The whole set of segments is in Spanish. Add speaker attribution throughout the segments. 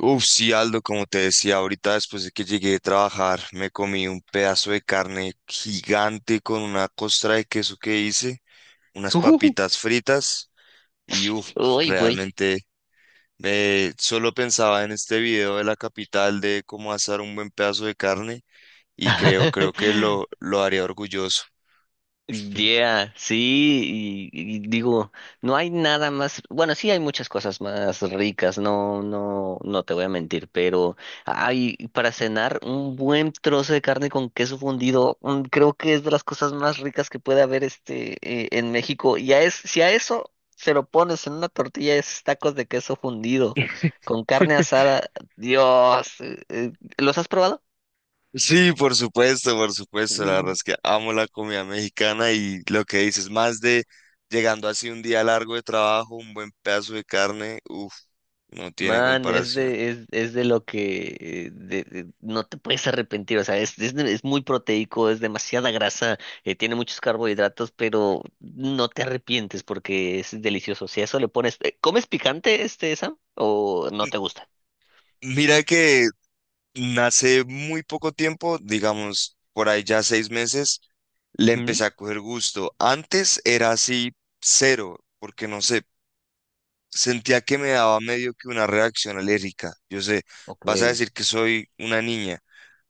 Speaker 1: Uf, sí, Aldo, como te decía ahorita, después de que llegué a trabajar, me comí un pedazo de carne gigante con una costra de queso que hice, unas
Speaker 2: Uh,
Speaker 1: papitas fritas y uf,
Speaker 2: uy, güey.
Speaker 1: realmente solo pensaba en este video de la capital de cómo asar un buen pedazo de carne y creo que lo haría orgulloso.
Speaker 2: Yeah, sí, y digo, no hay nada más, bueno, sí hay muchas cosas más ricas, no, no, no te voy a mentir, pero hay para cenar un buen trozo de carne con queso fundido, mm, creo que es de las cosas más ricas que puede haber en México. Si a eso se lo pones en una tortilla, es tacos de queso fundido con carne asada, Dios, ¿los has probado?
Speaker 1: Sí, por supuesto, por supuesto. La verdad es que amo la comida mexicana y lo que dices, más de llegando así un día largo de trabajo, un buen pedazo de carne, uff, no tiene
Speaker 2: Man,
Speaker 1: comparación.
Speaker 2: es de lo que no te puedes arrepentir, o sea, es muy proteico, es demasiada grasa, tiene muchos carbohidratos, pero no te arrepientes porque es delicioso. Si a eso le pones, ¿comes picante este, Sam? ¿O no
Speaker 1: M-
Speaker 2: te gusta?
Speaker 1: Mira que nace muy poco tiempo, digamos, por ahí ya 6 meses, le
Speaker 2: Ujú.
Speaker 1: empecé a coger gusto. Antes era así cero, porque no sé, sentía que me daba medio que una reacción alérgica. Yo sé,
Speaker 2: Ok.
Speaker 1: vas a decir que soy una niña,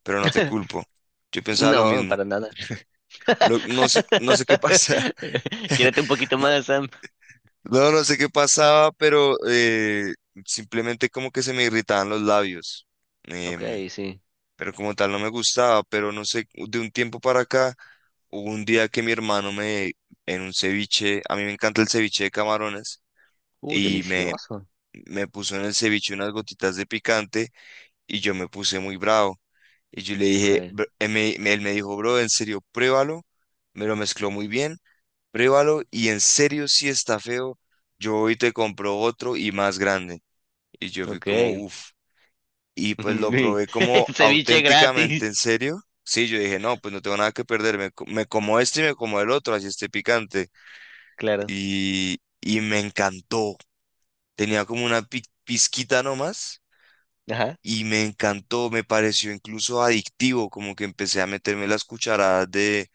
Speaker 1: pero no te culpo. Yo pensaba lo
Speaker 2: No,
Speaker 1: mismo.
Speaker 2: para nada.
Speaker 1: No sé, no sé qué pasa.
Speaker 2: Quiérete un poquito más, Sam.
Speaker 1: No, no, no sé qué pasaba, pero simplemente como que se me irritaban los labios.
Speaker 2: Ok,
Speaker 1: Em,
Speaker 2: sí.
Speaker 1: pero como tal no me gustaba, pero no sé, de un tiempo para acá, hubo un día que mi hermano me, en un ceviche, a mí me encanta el ceviche de camarones, y me,
Speaker 2: Delicioso.
Speaker 1: me puso en el ceviche unas gotitas de picante y yo me puse muy bravo. Y yo le
Speaker 2: Ok,
Speaker 1: dije, él me, él me dijo, bro, en serio, pruébalo. Me lo mezcló muy bien, pruébalo. Y en serio, si está feo, yo hoy te compro otro y más grande. Y yo fui como,
Speaker 2: ok.
Speaker 1: uff. Y pues lo probé como
Speaker 2: Ceviche
Speaker 1: auténticamente en
Speaker 2: gratis.
Speaker 1: serio. Sí, yo dije, no, pues no tengo nada que perder. Me, me como este y me como el otro, así esté picante.
Speaker 2: Claro.
Speaker 1: Y me encantó. Tenía como una pizquita nomás
Speaker 2: Ajá,
Speaker 1: y me encantó, me pareció incluso adictivo, como que empecé a meterme las cucharadas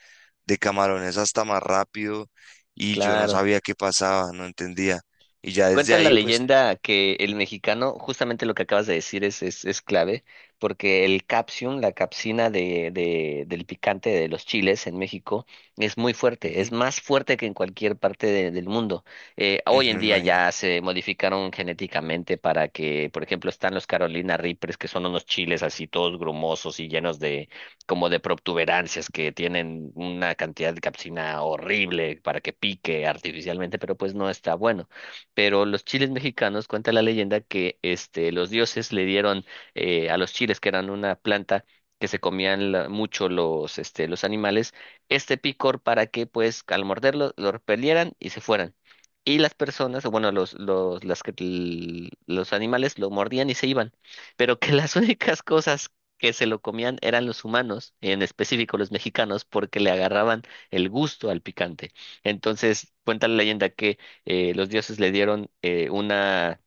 Speaker 1: de camarones hasta más rápido y yo no
Speaker 2: claro.
Speaker 1: sabía qué pasaba, no entendía. Y ya desde
Speaker 2: Cuenta la
Speaker 1: ahí, pues,
Speaker 2: leyenda que el mexicano, justamente lo que acabas de decir es clave, porque el capsium, la capsina del picante de los chiles en México, es muy fuerte, es
Speaker 1: ujú,
Speaker 2: más fuerte que en cualquier parte del mundo. Hoy
Speaker 1: ujú,
Speaker 2: en
Speaker 1: me
Speaker 2: día
Speaker 1: imagino.
Speaker 2: ya se modificaron genéticamente para que, por ejemplo, están los Carolina Reapers, que son unos chiles así todos grumosos y llenos de como de protuberancias que tienen una cantidad de capsina horrible para que pique artificialmente, pero pues no está bueno, pero los chiles mexicanos, cuenta la leyenda que este, los dioses le dieron a los chiles, que eran una planta que se comían mucho los animales, este picor para que pues al morderlo lo repelieran y se fueran. Y las personas, o bueno, las los animales lo mordían y se iban, pero que las únicas cosas que se lo comían eran los humanos, en específico los mexicanos, porque le agarraban el gusto al picante. Entonces, cuenta la leyenda que los dioses le dieron eh, una,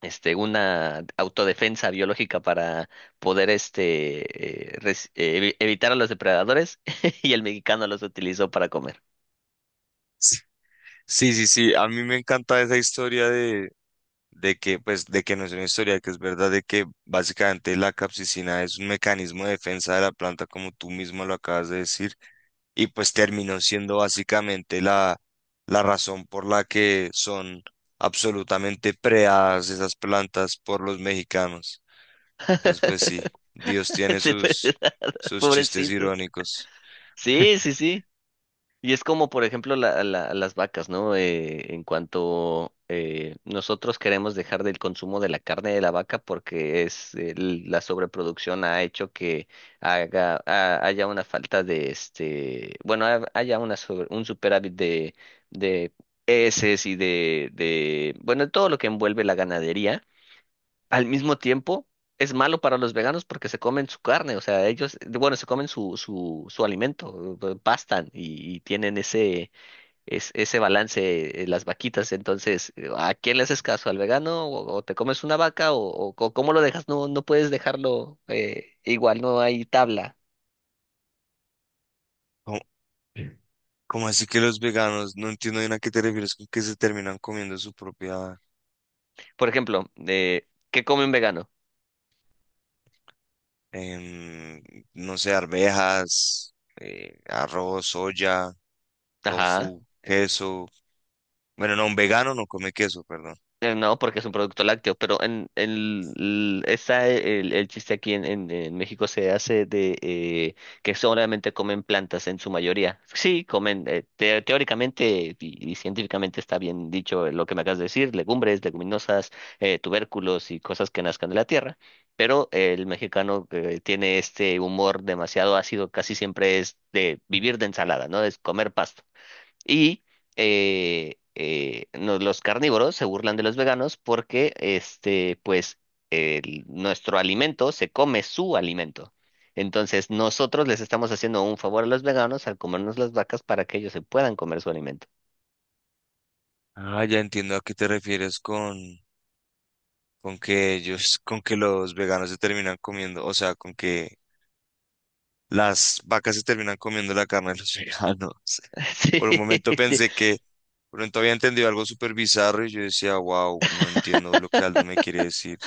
Speaker 2: este, una autodefensa biológica para poder evitar a los depredadores y el mexicano los utilizó para comer.
Speaker 1: Sí, sí, sí, sí, a mí me encanta esa historia de que, pues, de que no es una historia, que es verdad de que básicamente la capsicina es un mecanismo de defensa de la planta, como tú mismo lo acabas de decir. Y pues terminó siendo básicamente la, la razón por la que son absolutamente preadas esas plantas por los mexicanos. Entonces, pues sí, Dios tiene
Speaker 2: Sí,
Speaker 1: sus,
Speaker 2: ¿verdad?
Speaker 1: sus chistes
Speaker 2: Pobrecitos.
Speaker 1: irónicos.
Speaker 2: Sí, sí, sí. Y es como, por ejemplo, las vacas, ¿no? En cuanto nosotros queremos dejar del consumo de la carne de la vaca porque es la sobreproducción ha hecho que haya una falta de este, bueno, haya una un superávit de heces y de bueno, todo lo que envuelve la ganadería al mismo tiempo es malo para los veganos porque se comen su carne, o sea, ellos, bueno, se comen su alimento, pastan y tienen ese, ese balance las vaquitas, entonces, ¿a quién le haces caso? ¿Al vegano o te comes una vaca o, cómo lo dejas? No, no puedes dejarlo igual, no hay tabla.
Speaker 1: ¿Cómo, cómo así que los veganos? No entiendo bien a qué te refieres con que se terminan comiendo su propia,
Speaker 2: Por ejemplo, ¿qué come un vegano?
Speaker 1: em, no sé, arvejas, arroz, soya,
Speaker 2: Ajá.
Speaker 1: tofu, queso. Bueno, no, un vegano no come queso, perdón.
Speaker 2: No, porque es un producto lácteo, pero en l- esa, el chiste aquí en México se hace de que solamente comen plantas en su mayoría. Sí, comen, teóricamente y científicamente está bien dicho lo que me acabas de decir, legumbres, leguminosas, tubérculos y cosas que nazcan de la tierra, pero el mexicano tiene este humor demasiado ácido, casi siempre es de vivir de ensalada, ¿no? Es comer pasto. Y los carnívoros se burlan de los veganos porque, este, pues, nuestro alimento se come su alimento. Entonces, nosotros les estamos haciendo un favor a los veganos al comernos las vacas para que ellos se puedan comer su alimento.
Speaker 1: Ah, ya entiendo a qué te refieres con que ellos, con que los veganos se terminan comiendo, o sea, con que las vacas se terminan comiendo la carne de los veganos.
Speaker 2: Sí,
Speaker 1: Por un momento pensé que pronto había entendido algo súper bizarro y yo decía, wow, no entiendo lo que Aldo me quiere decir.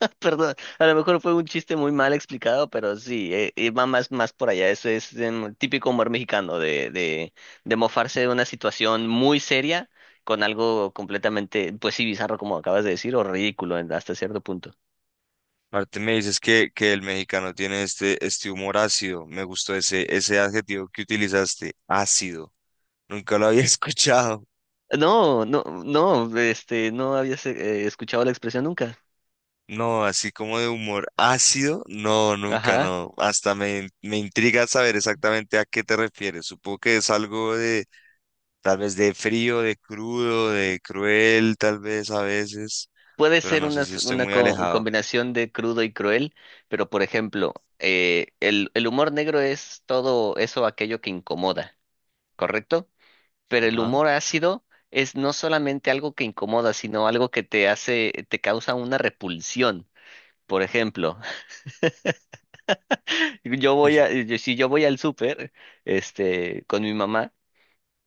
Speaker 2: Perdón, a lo mejor fue un chiste muy mal explicado, pero sí, va más, más por allá. Eso es em, típico humor mexicano de mofarse de una situación muy seria con algo completamente, pues sí, bizarro como acabas de decir, o ridículo hasta cierto punto.
Speaker 1: Aparte me dices que el mexicano tiene este, este humor ácido. Me gustó ese, ese adjetivo que utilizaste, ácido. Nunca lo había escuchado.
Speaker 2: No, no, no, este, no habías escuchado la expresión nunca.
Speaker 1: No, así como de humor ácido, no, nunca,
Speaker 2: Ajá.
Speaker 1: no. Hasta me, me intriga saber exactamente a qué te refieres. Supongo que es algo de, tal vez de frío, de crudo, de cruel, tal vez a veces,
Speaker 2: Puede
Speaker 1: pero
Speaker 2: ser
Speaker 1: no
Speaker 2: una,
Speaker 1: sé si estoy muy alejado.
Speaker 2: combinación de crudo y cruel, pero por ejemplo, el humor negro es todo eso, aquello que incomoda, ¿correcto? Pero el
Speaker 1: Ajá.
Speaker 2: humor ácido es no solamente algo que incomoda, sino algo que te hace, te causa una repulsión. Por ejemplo, yo voy a, yo- si yo voy al súper, este, con mi mamá,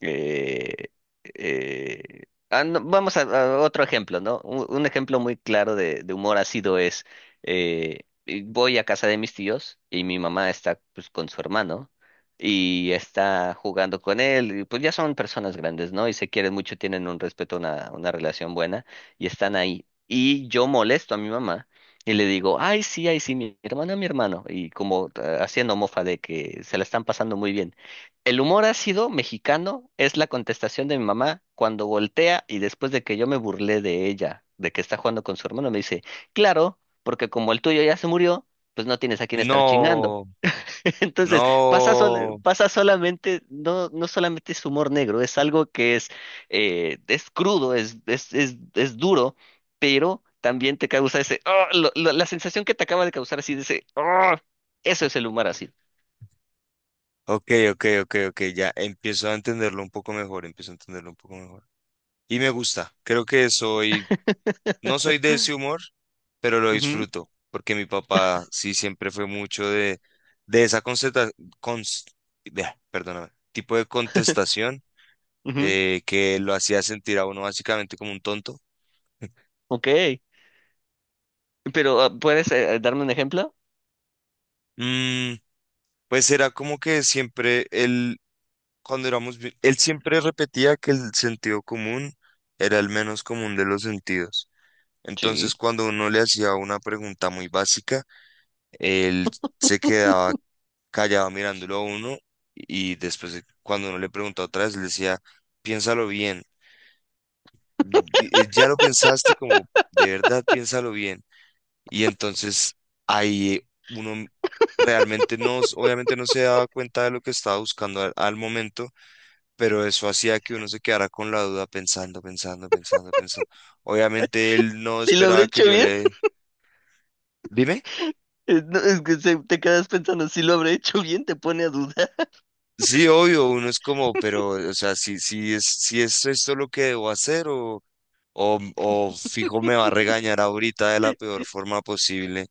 Speaker 2: eh, eh, no, vamos a otro ejemplo, ¿no? Un ejemplo muy claro de humor ácido es, y voy a casa de mis tíos y mi mamá está pues, con su hermano y está jugando con él, y, pues ya son personas grandes, ¿no? Y se quieren mucho, tienen un respeto, una relación buena y están ahí. Y yo molesto a mi mamá. Y le digo, ay, sí, mi hermana, mi hermano. Y como haciendo mofa de que se la están pasando muy bien. El humor ácido mexicano es la contestación de mi mamá cuando voltea y después de que yo me burlé de ella, de que está jugando con su hermano, me dice, claro, porque como el tuyo ya se murió, pues no tienes a quién estar chingando.
Speaker 1: No,
Speaker 2: Entonces,
Speaker 1: no.
Speaker 2: pasa solamente, no, no solamente es humor negro, es algo que es crudo, es duro, pero también te causa ese, "Ah", la sensación que te acaba de causar así de ese, "Ah", eso es el humor ácido.
Speaker 1: Ok, ok, ok, ok, ya empiezo a entenderlo un poco mejor, empiezo a entenderlo un poco mejor. Y me gusta, creo que soy. No soy de ese humor, pero lo
Speaker 2: Ujú,
Speaker 1: disfruto, porque mi papá sí siempre fue mucho de esa cons- de- perdóname, tipo de contestación
Speaker 2: ujú,
Speaker 1: que lo hacía sentir a uno básicamente como un tonto.
Speaker 2: Ok. Pero, ah, ¿puedes darme un ejemplo?
Speaker 1: Mm, pues era como que siempre él, cuando éramos, él siempre repetía que el sentido común era el menos común de los sentidos. Entonces,
Speaker 2: Sí.
Speaker 1: cuando uno le hacía una pregunta muy básica, él se quedaba callado mirándolo a uno y cuando uno le preguntó otra vez, le decía, piénsalo bien, ya lo pensaste como de verdad, piénsalo bien. Y entonces ahí uno realmente no, obviamente no se daba cuenta de lo que estaba buscando al, al momento, pero eso hacía que uno se quedara con la duda pensando, pensando, pensando, pensando. Obviamente él no
Speaker 2: Si lo habré
Speaker 1: esperaba que
Speaker 2: hecho
Speaker 1: yo
Speaker 2: bien.
Speaker 1: le... Dime.
Speaker 2: No, es que te quedas pensando, si lo habré hecho bien, te pone a dudar.
Speaker 1: Sí, obvio, uno es como, pero, o sea, si, si es, si es esto lo que debo hacer o fijo me va a regañar ahorita de la peor forma posible.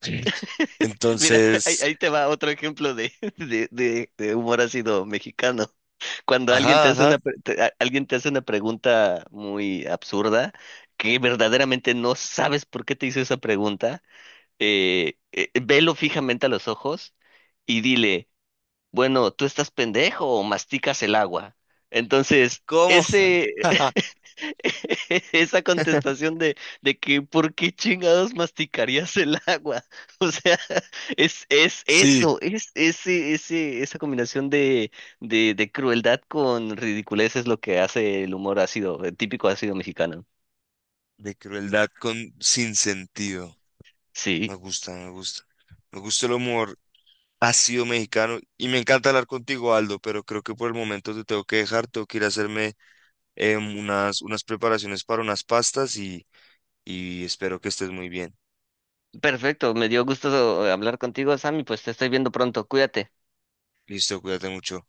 Speaker 2: Mira, ahí,
Speaker 1: Entonces,
Speaker 2: ahí te va otro ejemplo de, de humor ácido mexicano. Cuando alguien
Speaker 1: ajá,
Speaker 2: te hace
Speaker 1: ajá,
Speaker 2: una, alguien te hace una pregunta muy absurda, que verdaderamente no sabes por qué te hizo esa pregunta, velo fijamente a los ojos y dile, bueno, tú estás pendejo o masticas el agua. Entonces,
Speaker 1: ¿cómo?
Speaker 2: ese, esa contestación de que ¿por qué chingados masticarías el agua? O sea, es
Speaker 1: Sí,
Speaker 2: eso, esa combinación de crueldad con ridiculez es lo que hace el humor ácido, el típico ácido mexicano.
Speaker 1: de crueldad con sin sentido. Me
Speaker 2: Sí,
Speaker 1: gusta, me gusta. Me gusta el humor ácido mexicano y me encanta hablar contigo, Aldo, pero creo que por el momento te tengo que dejar, tengo que ir a hacerme unas, unas preparaciones para unas pastas y espero que estés muy bien.
Speaker 2: perfecto, me dio gusto hablar contigo, Sammy, pues te estoy viendo pronto, cuídate.
Speaker 1: Listo, cuídate mucho.